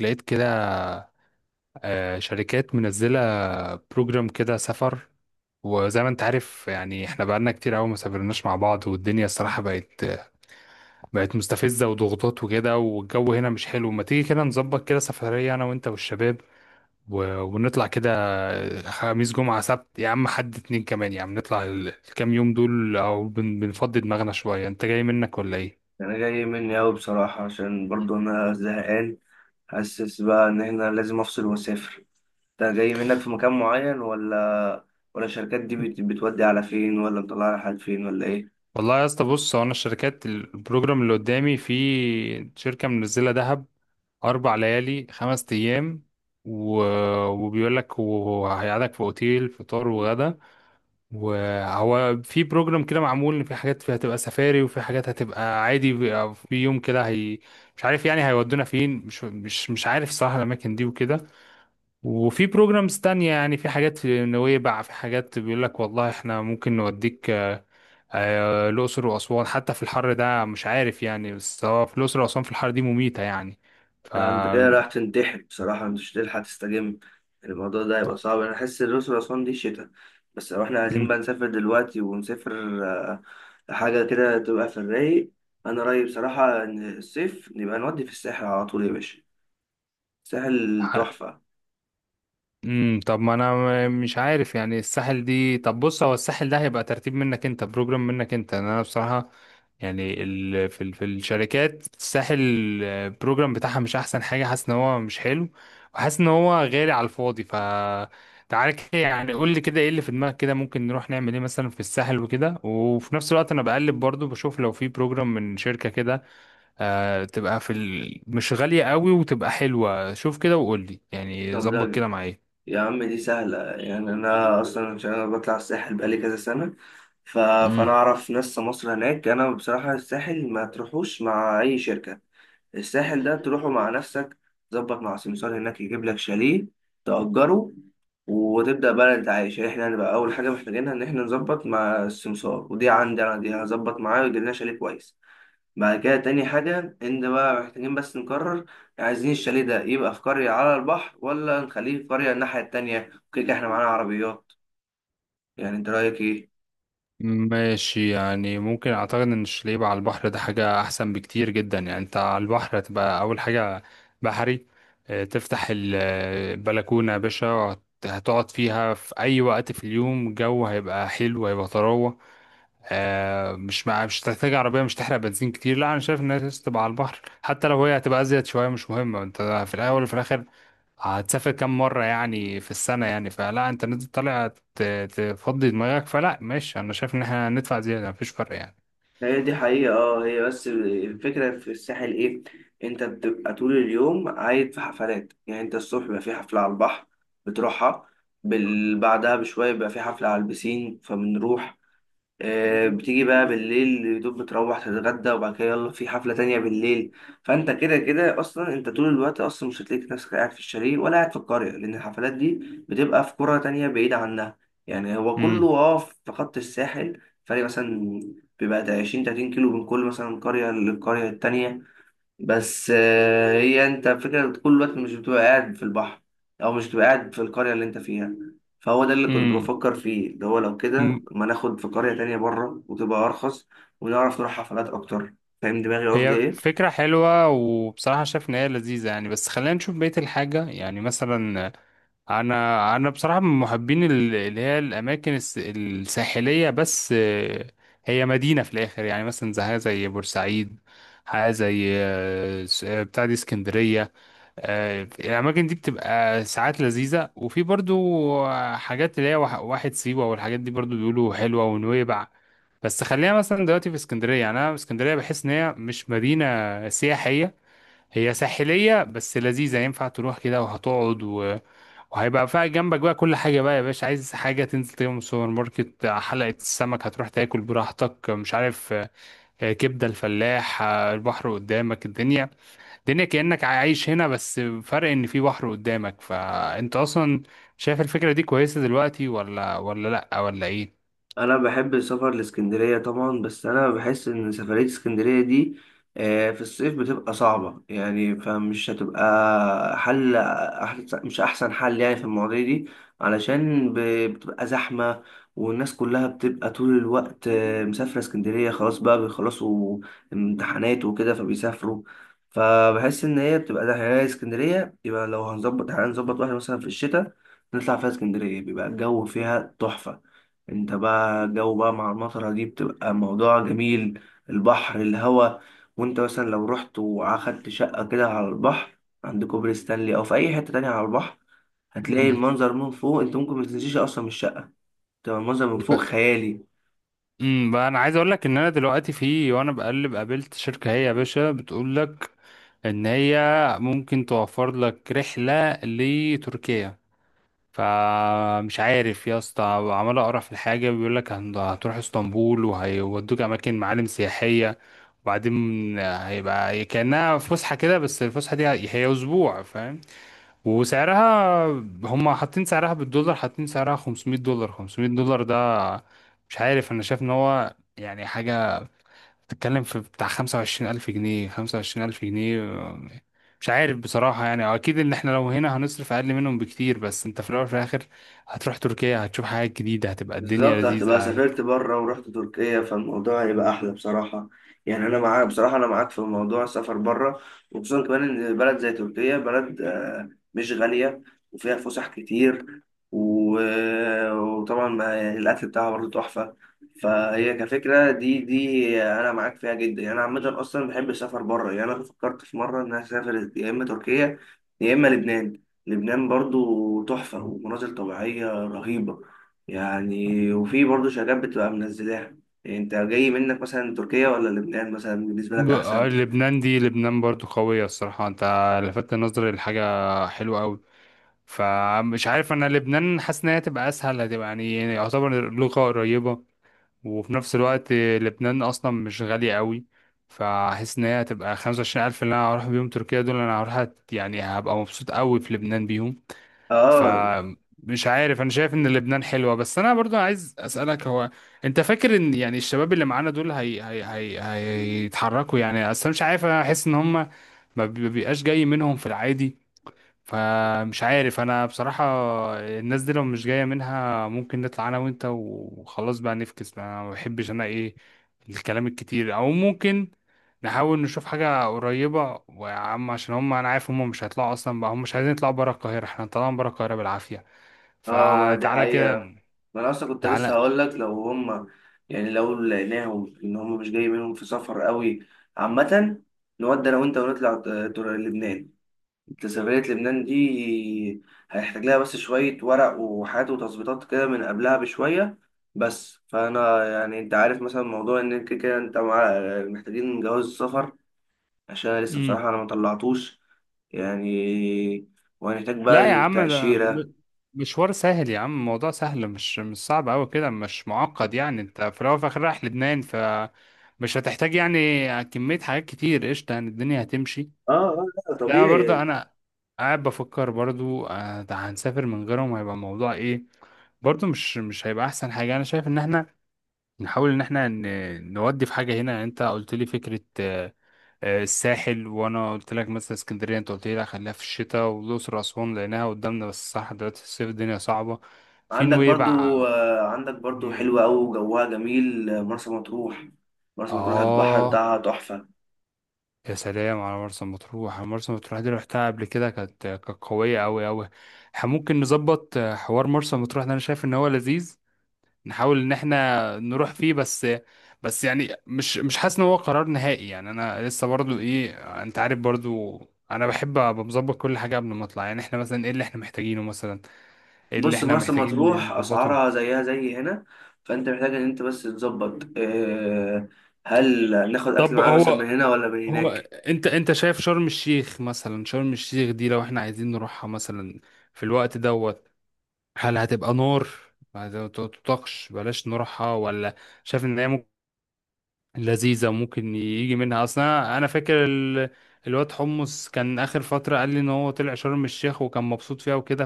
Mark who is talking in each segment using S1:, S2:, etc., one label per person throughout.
S1: لقيت كده، شركات منزلة بروجرام كده سفر. وزي ما انت عارف يعني احنا بقالنا كتير قوي ما سافرناش مع بعض، والدنيا الصراحة بقت مستفزة وضغوطات وكده، والجو هنا مش حلو. ما تيجي كده نظبط كده سفرية انا وانت والشباب ونطلع كده، خميس جمعة سبت يا عم، حد اتنين كمان يا عم، نطلع الكام يوم دول، او بنفضي دماغنا شوية. انت جاي منك ولا ايه؟
S2: انا جاي مني اوي، بصراحة، عشان برضو انا زهقان. حاسس بقى ان احنا لازم افصل واسافر. انت جاي منك في مكان معين، ولا الشركات دي بتودي على فين، ولا مطلعة على حد فين، ولا ايه؟
S1: والله يا اسطى، بص، هو انا الشركات البروجرام اللي قدامي في شركة منزلة دهب أربع ليالي خمس أيام و... وبيقول لك وهيقعدك في أوتيل فطار وغدا، وهو في بروجرام كده معمول إن في حاجات فيها هتبقى سفاري وفي حاجات هتبقى عادي، بيبقى في يوم كده هي مش عارف يعني هيودونا فين. مش عارف صراحة الأماكن دي وكده. وفي بروجرامز تانية يعني، في حاجات في نويبع، في حاجات بيقول لك والله إحنا ممكن نوديك، الأقصر وأسوان، حتى في الحر ده مش عارف يعني، بس هو في الأقصر وأسوان في الحر دي مميتة يعني.
S2: ده انت كده رايح تنتحر بصراحة، مش تلحق تستجم. الموضوع ده هيبقى صعب، انا احس الأقصر وأسوان دي شتا. بس لو احنا عايزين
S1: مم.
S2: بقى نسافر دلوقتي ونسافر آه، لحاجة كده تبقى في الرايق. انا رأيي بصراحة ان الصيف نبقى نودي في الساحل على طول يا باشا، الساحل
S1: ح-
S2: تحفة.
S1: طب ما انا مش عارف يعني الساحل دي. طب بص، هو الساحل ده هيبقى ترتيب منك انت، بروجرام منك انت، أنا بصراحة يعني في الشركات الساحل البروجرام بتاعها مش احسن حاجة، حاسس ان هو مش حلو، وحاسس ان هو غالي على الفاضي. ف تعالى كده، يعني قول لي كده ايه اللي في دماغك كده، ممكن نروح نعمل ايه مثلا في الساحل وكده، وفي نفس الوقت انا بقلب برضو بشوف لو في بروجرام من شركة كده تبقى مش غالية قوي وتبقى حلوة. شوف كده وقول لي يعني،
S2: طب
S1: ظبط
S2: ده
S1: كده معايا.
S2: يا عم دي سهلة، يعني أنا أصلا عشان أنا بطلع الساحل بقالي كذا سنة. فأنا
S1: مم.
S2: أعرف ناس مصر هناك. أنا بصراحة الساحل ما تروحوش مع أي شركة. الساحل ده تروحه مع نفسك، تظبط مع سمسار هناك يجيب لك شاليه تأجره، وتبدأ بقى أنت عايش. يعني إحنا هنبقى أول حاجة محتاجينها إن إحنا نظبط مع السمسار، ودي عندي أنا، دي هظبط معاه ويجيب لنا شاليه كويس. بعد كده تاني حاجة إن بقى محتاجين بس نقرر، عايزين الشاليه ده يبقى في قرية على البحر ولا نخليه في قرية الناحية التانية؟ كده كده إحنا معانا عربيات. يعني أنت رأيك إيه؟
S1: ماشي يعني، ممكن اعتقد ان الشليب على البحر ده حاجة احسن بكتير جدا. يعني انت على البحر هتبقى اول حاجة بحري، تفتح البلكونة يا باشا، هتقعد فيها في اي وقت في اليوم، الجو هيبقى حلو، هيبقى طراوة. مش هتحتاج عربية، مش تحرق بنزين كتير. لا أنا شايف إنها لازم تبقى على البحر، حتى لو هي هتبقى أزيد شوية مش مهمة. أنت في الأول وفي الآخر هتسافر كام مرة يعني في السنة، يعني فلا أنت نازل طالع ت- تفضي دماغك، فلا ماشي، أنا شايف إن إحنا هندفع زيادة مفيش فرق يعني.
S2: هي دي حقيقة اه، هي بس الفكرة في الساحل إيه؟ أنت بتبقى طول اليوم عايد في حفلات، يعني أنت الصبح بيبقى في حفلة على البحر بتروحها. بعدها بشوية بيبقى في حفلة على البسين فبنروح. بتيجي بقى بالليل يدوب بتروح تتغدى، وبعد كده يلا في حفلة تانية بالليل. فانت كده كده اصلا انت طول الوقت اصلا مش هتلاقي نفسك قاعد في الشاليه ولا قاعد في القرية، لان الحفلات دي بتبقى في قرى تانية بعيدة عنها. يعني هو كله
S1: امم
S2: في خط الساحل، فرق مثلا بيبقى ده 20 30 كيلو من كل مثلا قرية للقرية التانية. بس هي انت فكرة طول الوقت مش بتبقى قاعد في البحر، او مش بتبقى قاعد في القرية اللي انت فيها. فهو ده اللي كنت
S1: امم
S2: بفكر فيه، اللي هو لو كده
S1: أمم.
S2: ما ناخد في قرية تانية بره وتبقى ارخص ونعرف نروح حفلات اكتر. فاهم دماغي قصدي
S1: هي
S2: ايه؟
S1: فكرة حلوة وبصراحة شايف إن هي لذيذة يعني، بس خلينا نشوف بقية الحاجة يعني مثلا. انا بصراحه من محبين اللي هي الاماكن الساحليه، بس هي مدينه في الاخر يعني، مثلا زي بورسعيد، حاجه زي بتاع دي اسكندريه. الاماكن دي بتبقى ساعات لذيذه، وفي برضو حاجات اللي هي واحد سيوه والحاجات دي برضو بيقولوا حلوه، ونويبع. بس خلينا مثلا دلوقتي في اسكندريه، يعني انا اسكندريه بحس ان هي مش مدينه سياحيه، هي ساحلية بس لذيذة، ينفع تروح كده وهتقعد وهيبقى فيها جنبك بقى كل حاجة بقى يا باشا. عايز حاجة تنزل تجيبها من السوبر ماركت، حلقة السمك هتروح تاكل براحتك، مش عارف، كبدة الفلاح، البحر قدامك، الدنيا كأنك عايش هنا، بس فرق إن في بحر قدامك. فأنت أصلا شايف الفكرة دي كويسة دلوقتي، ولا لأ، ولا إيه؟
S2: انا بحب السفر لاسكندريه طبعا، بس انا بحس ان سفريه اسكندريه دي في الصيف بتبقى صعبه، يعني فمش هتبقى حل أحسن، مش احسن حل يعني في المواضيع دي. علشان بتبقى زحمه، والناس كلها بتبقى طول الوقت مسافره اسكندريه. خلاص بقى بيخلصوا امتحانات وكده فبيسافروا. فبحس ان هي بتبقى زحمه يعني اسكندريه، يبقى لو هنظبط، هنظبط واحده مثلا في الشتاء نطلع فيها اسكندريه، بيبقى الجو فيها تحفه. انت بقى جو بقى مع المطرة دي بتبقى موضوع جميل، البحر، الهوا. وانت مثلا لو رحت واخدت شقة كده على البحر عند كوبري ستانلي او في اي حتة تانية على البحر، هتلاقي المنظر من فوق، انت ممكن ما تنسيش اصلا. من الشقة تبقى المنظر من فوق
S1: مم.
S2: خيالي.
S1: امم. بقى انا عايز اقول لك ان انا دلوقتي في وانا بقلب قابلت شركه، هي يا باشا بتقول لك ان هي ممكن توفر لك رحله لتركيا. فمش عارف يا اسطى، عمال اقرا في الحاجه، بيقول لك هتروح اسطنبول، وهيودوك اماكن معالم سياحيه، وبعدين هيبقى كانها فسحه كده، بس الفسحه دي هي اسبوع، فاهم. وسعرها، هم حاطين سعرها بالدولار، حاطين سعرها $500. $500 ده مش عارف، انا شايف ان هو يعني حاجة بتتكلم في بتاع 25,000 جنيه. 25,000 جنيه مش عارف بصراحة يعني، اكيد ان احنا لو هنا هنصرف اقل منهم بكتير، بس انت في الاول وفي الاخر هتروح تركيا، هتشوف حاجات جديدة، هتبقى الدنيا
S2: بالظبط، هتبقى
S1: لذيذة.
S2: سافرت بره ورحت تركيا فالموضوع هيبقى احلى بصراحه. يعني انا معاك بصراحه، انا معاك في موضوع السفر بره، وخصوصا كمان ان بلد زي تركيا بلد مش غاليه وفيها فسح كتير وطبعا يعني الاكل بتاعها برضه تحفه. فهي كفكره دي انا معاك فيها جدا. يعني انا عامه اصلا بحب السفر بره، يعني انا فكرت في مره ان انا اسافر يا اما تركيا يا اما لبنان. لبنان برضه تحفه ومناظر طبيعيه رهيبه يعني، وفي برضه شركات بتبقى منزلاها. يعني انت جاي منك مثلا تركيا ولا لبنان، مثلا بالنسبة لك احسن؟
S1: لبنان دي، لبنان برضو قوية الصراحة، انت لفتت نظري لحاجة حلوة قوي. فمش عارف، انا لبنان حاسس ان هي تبقى اسهل، هتبقى يعني يعتبر لغة قريبة، وفي نفس الوقت لبنان اصلا مش غالية قوي، فحس ان هي هتبقى 25,000 الف اللي انا هروح بيهم تركيا دول، انا هروح يعني هبقى مبسوط قوي في لبنان بيهم.
S2: اه
S1: فمش عارف، انا شايف ان لبنان حلوة، بس انا برضو عايز اسألك. هو انت فاكر ان يعني الشباب اللي معانا دول هي هيتحركوا يعني؟ اصلا مش عارف، انا احس ان هم ما بي- بيبقاش جاي منهم في العادي. فمش عارف انا بصراحة، الناس دي لو مش جاية منها ممكن نطلع انا وانت وخلاص بقى، نفكس بقى. انا ما بحبش انا ايه الكلام الكتير، او ممكن نحاول نشوف حاجة قريبة، ويا عم عشان هم انا عارف هم مش هيطلعوا اصلا بقى، هم مش عايزين يطلعوا برا القاهرة، احنا طالعين برا القاهرة بالعافية.
S2: اه، ما دي
S1: فتعالى كده.
S2: حقيقة. ما انا اصلا كنت لسه هقول لك لو هم، يعني لو لقيناهم ان هم مش جاي منهم في سفر قوي، عامة نودي انا وانت ونطلع لبنان. جاذبية لبنان دي هيحتاج لها بس شوية ورق وحاجات وتظبيطات كده من قبلها بشوية. بس فأنا يعني أنت عارف مثلا موضوع إن كده كده أنت مع، محتاجين جواز السفر، عشان أنا لسه
S1: تعالى،
S2: بصراحة أنا مطلعتوش يعني، وهنحتاج
S1: لا يا
S2: بقى
S1: عم ده
S2: تأشيرة.
S1: مشوار سهل يا عم، الموضوع سهل، مش صعب قوي كده، مش معقد يعني، انت في الاول وفي الاخر رايح لبنان، ف مش هتحتاج يعني كمية حاجات كتير، قشطة يعني، الدنيا هتمشي.
S2: اه اه، لا
S1: لا برضه
S2: طبيعي.
S1: انا قاعد بفكر برضه ده هنسافر من غيرهم، هيبقى الموضوع ايه برضه؟ مش هيبقى احسن حاجة. انا شايف ان احنا نحاول ان احنا نودي في حاجة هنا، يعني انت قلت لي فكرة الساحل، وانا قلت لك مثلا اسكندريه، انت قلت لي لا خليها في الشتاء، والاقصر واسوان لانها قدامنا بس صح دلوقتي الصيف الدنيا صعبه، في
S2: عندك
S1: نويبع،
S2: برضو عندك برضو
S1: في-
S2: حلوة أوي وجوها جميل، مرسى مطروح. مرسى مطروح البحر
S1: اه،
S2: بتاعها تحفة.
S1: يا سلام على مرسى مطروح. مرسى مطروح دي رحتها قبل كده، كانت قويه قوي قوي. ممكن نظبط حوار مرسى مطروح ده، انا شايف ان هو لذيذ، نحاول ان احنا نروح فيه. بس بس يعني مش حاسس ان هو قرار نهائي يعني، انا لسه برضو ايه، انت عارف برضو، انا بحب ابقى مظبط كل حاجه قبل ما اطلع. يعني احنا مثلا ايه اللي احنا محتاجينه، مثلا ايه اللي
S2: بص
S1: احنا
S2: مرسى
S1: محتاجين
S2: مطروح
S1: نظبطه.
S2: اسعارها زيها زي هنا، فانت محتاج ان انت بس تظبط. هل ناخد اكل
S1: طب
S2: معانا مثلا من
S1: هو
S2: هنا ولا من
S1: هو
S2: هناك؟
S1: انت شايف شرم الشيخ مثلا؟ شرم الشيخ دي لو احنا عايزين نروحها مثلا في الوقت دوت، هل هتبقى نار ما تطاقش بلاش نروحها، ولا شايف ان هي لذيذة ممكن يجي منها؟ أصلا أنا فاكر الواد حمص كان آخر فترة قال لي إن هو طلع شرم الشيخ وكان مبسوط فيها وكده،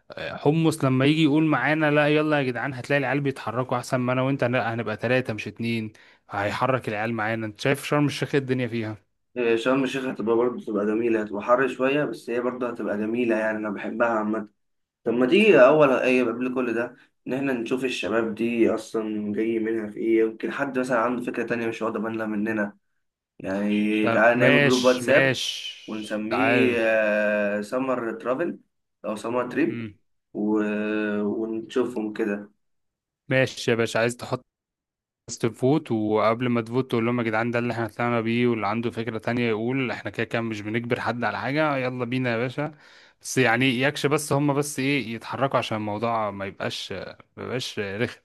S1: فحمص لما يجي يقول معانا لا يلا يا جدعان، هتلاقي العيال بيتحركوا، أحسن ما أنا وأنت لا، هنبقى تلاتة مش اتنين، هيحرك العيال معانا. أنت شايف شرم الشيخ إيه الدنيا فيها؟
S2: شرم الشيخ هتبقى برضه تبقى جميلة، هتبقى حر شوية بس هي برضه هتبقى جميلة يعني أنا بحبها عامة. طب ما تيجي أول أي قبل كل ده إن إحنا نشوف الشباب دي أصلا جاي منها في إيه، يمكن حد مثلا عنده فكرة تانية مش واخدة بالنا مننا. يعني
S1: طب
S2: تعالى نعمل جروب
S1: ماشي
S2: واتساب
S1: ماشي، تعال.
S2: ونسميه سمر ترافل أو سمر تريب،
S1: مم.
S2: و... ونشوفهم كده.
S1: ماشي يا باشا، عايز تحط الناس تفوت، وقبل ما تفوت تقول لهم يا جدعان ده اللي احنا طلعنا بيه، واللي عنده فكرة تانية يقول، احنا كده كده مش بنجبر حد على حاجة، يلا بينا يا باشا. بس يعني يكش، بس هم بس ايه يتحركوا، عشان الموضوع ما يبقاش ما رخم.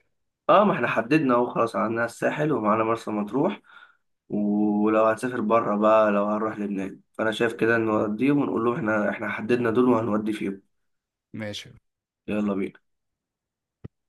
S2: اه، ما احنا حددنا اهو، خلاص عندنا الساحل ومعانا مرسى مطروح. ولو هنسافر بره بقى لو هنروح لبنان، فانا شايف كده نوديهم ونقول لهم احنا حددنا دول وهنودي فيهم.
S1: ماشي.
S2: يلا بينا.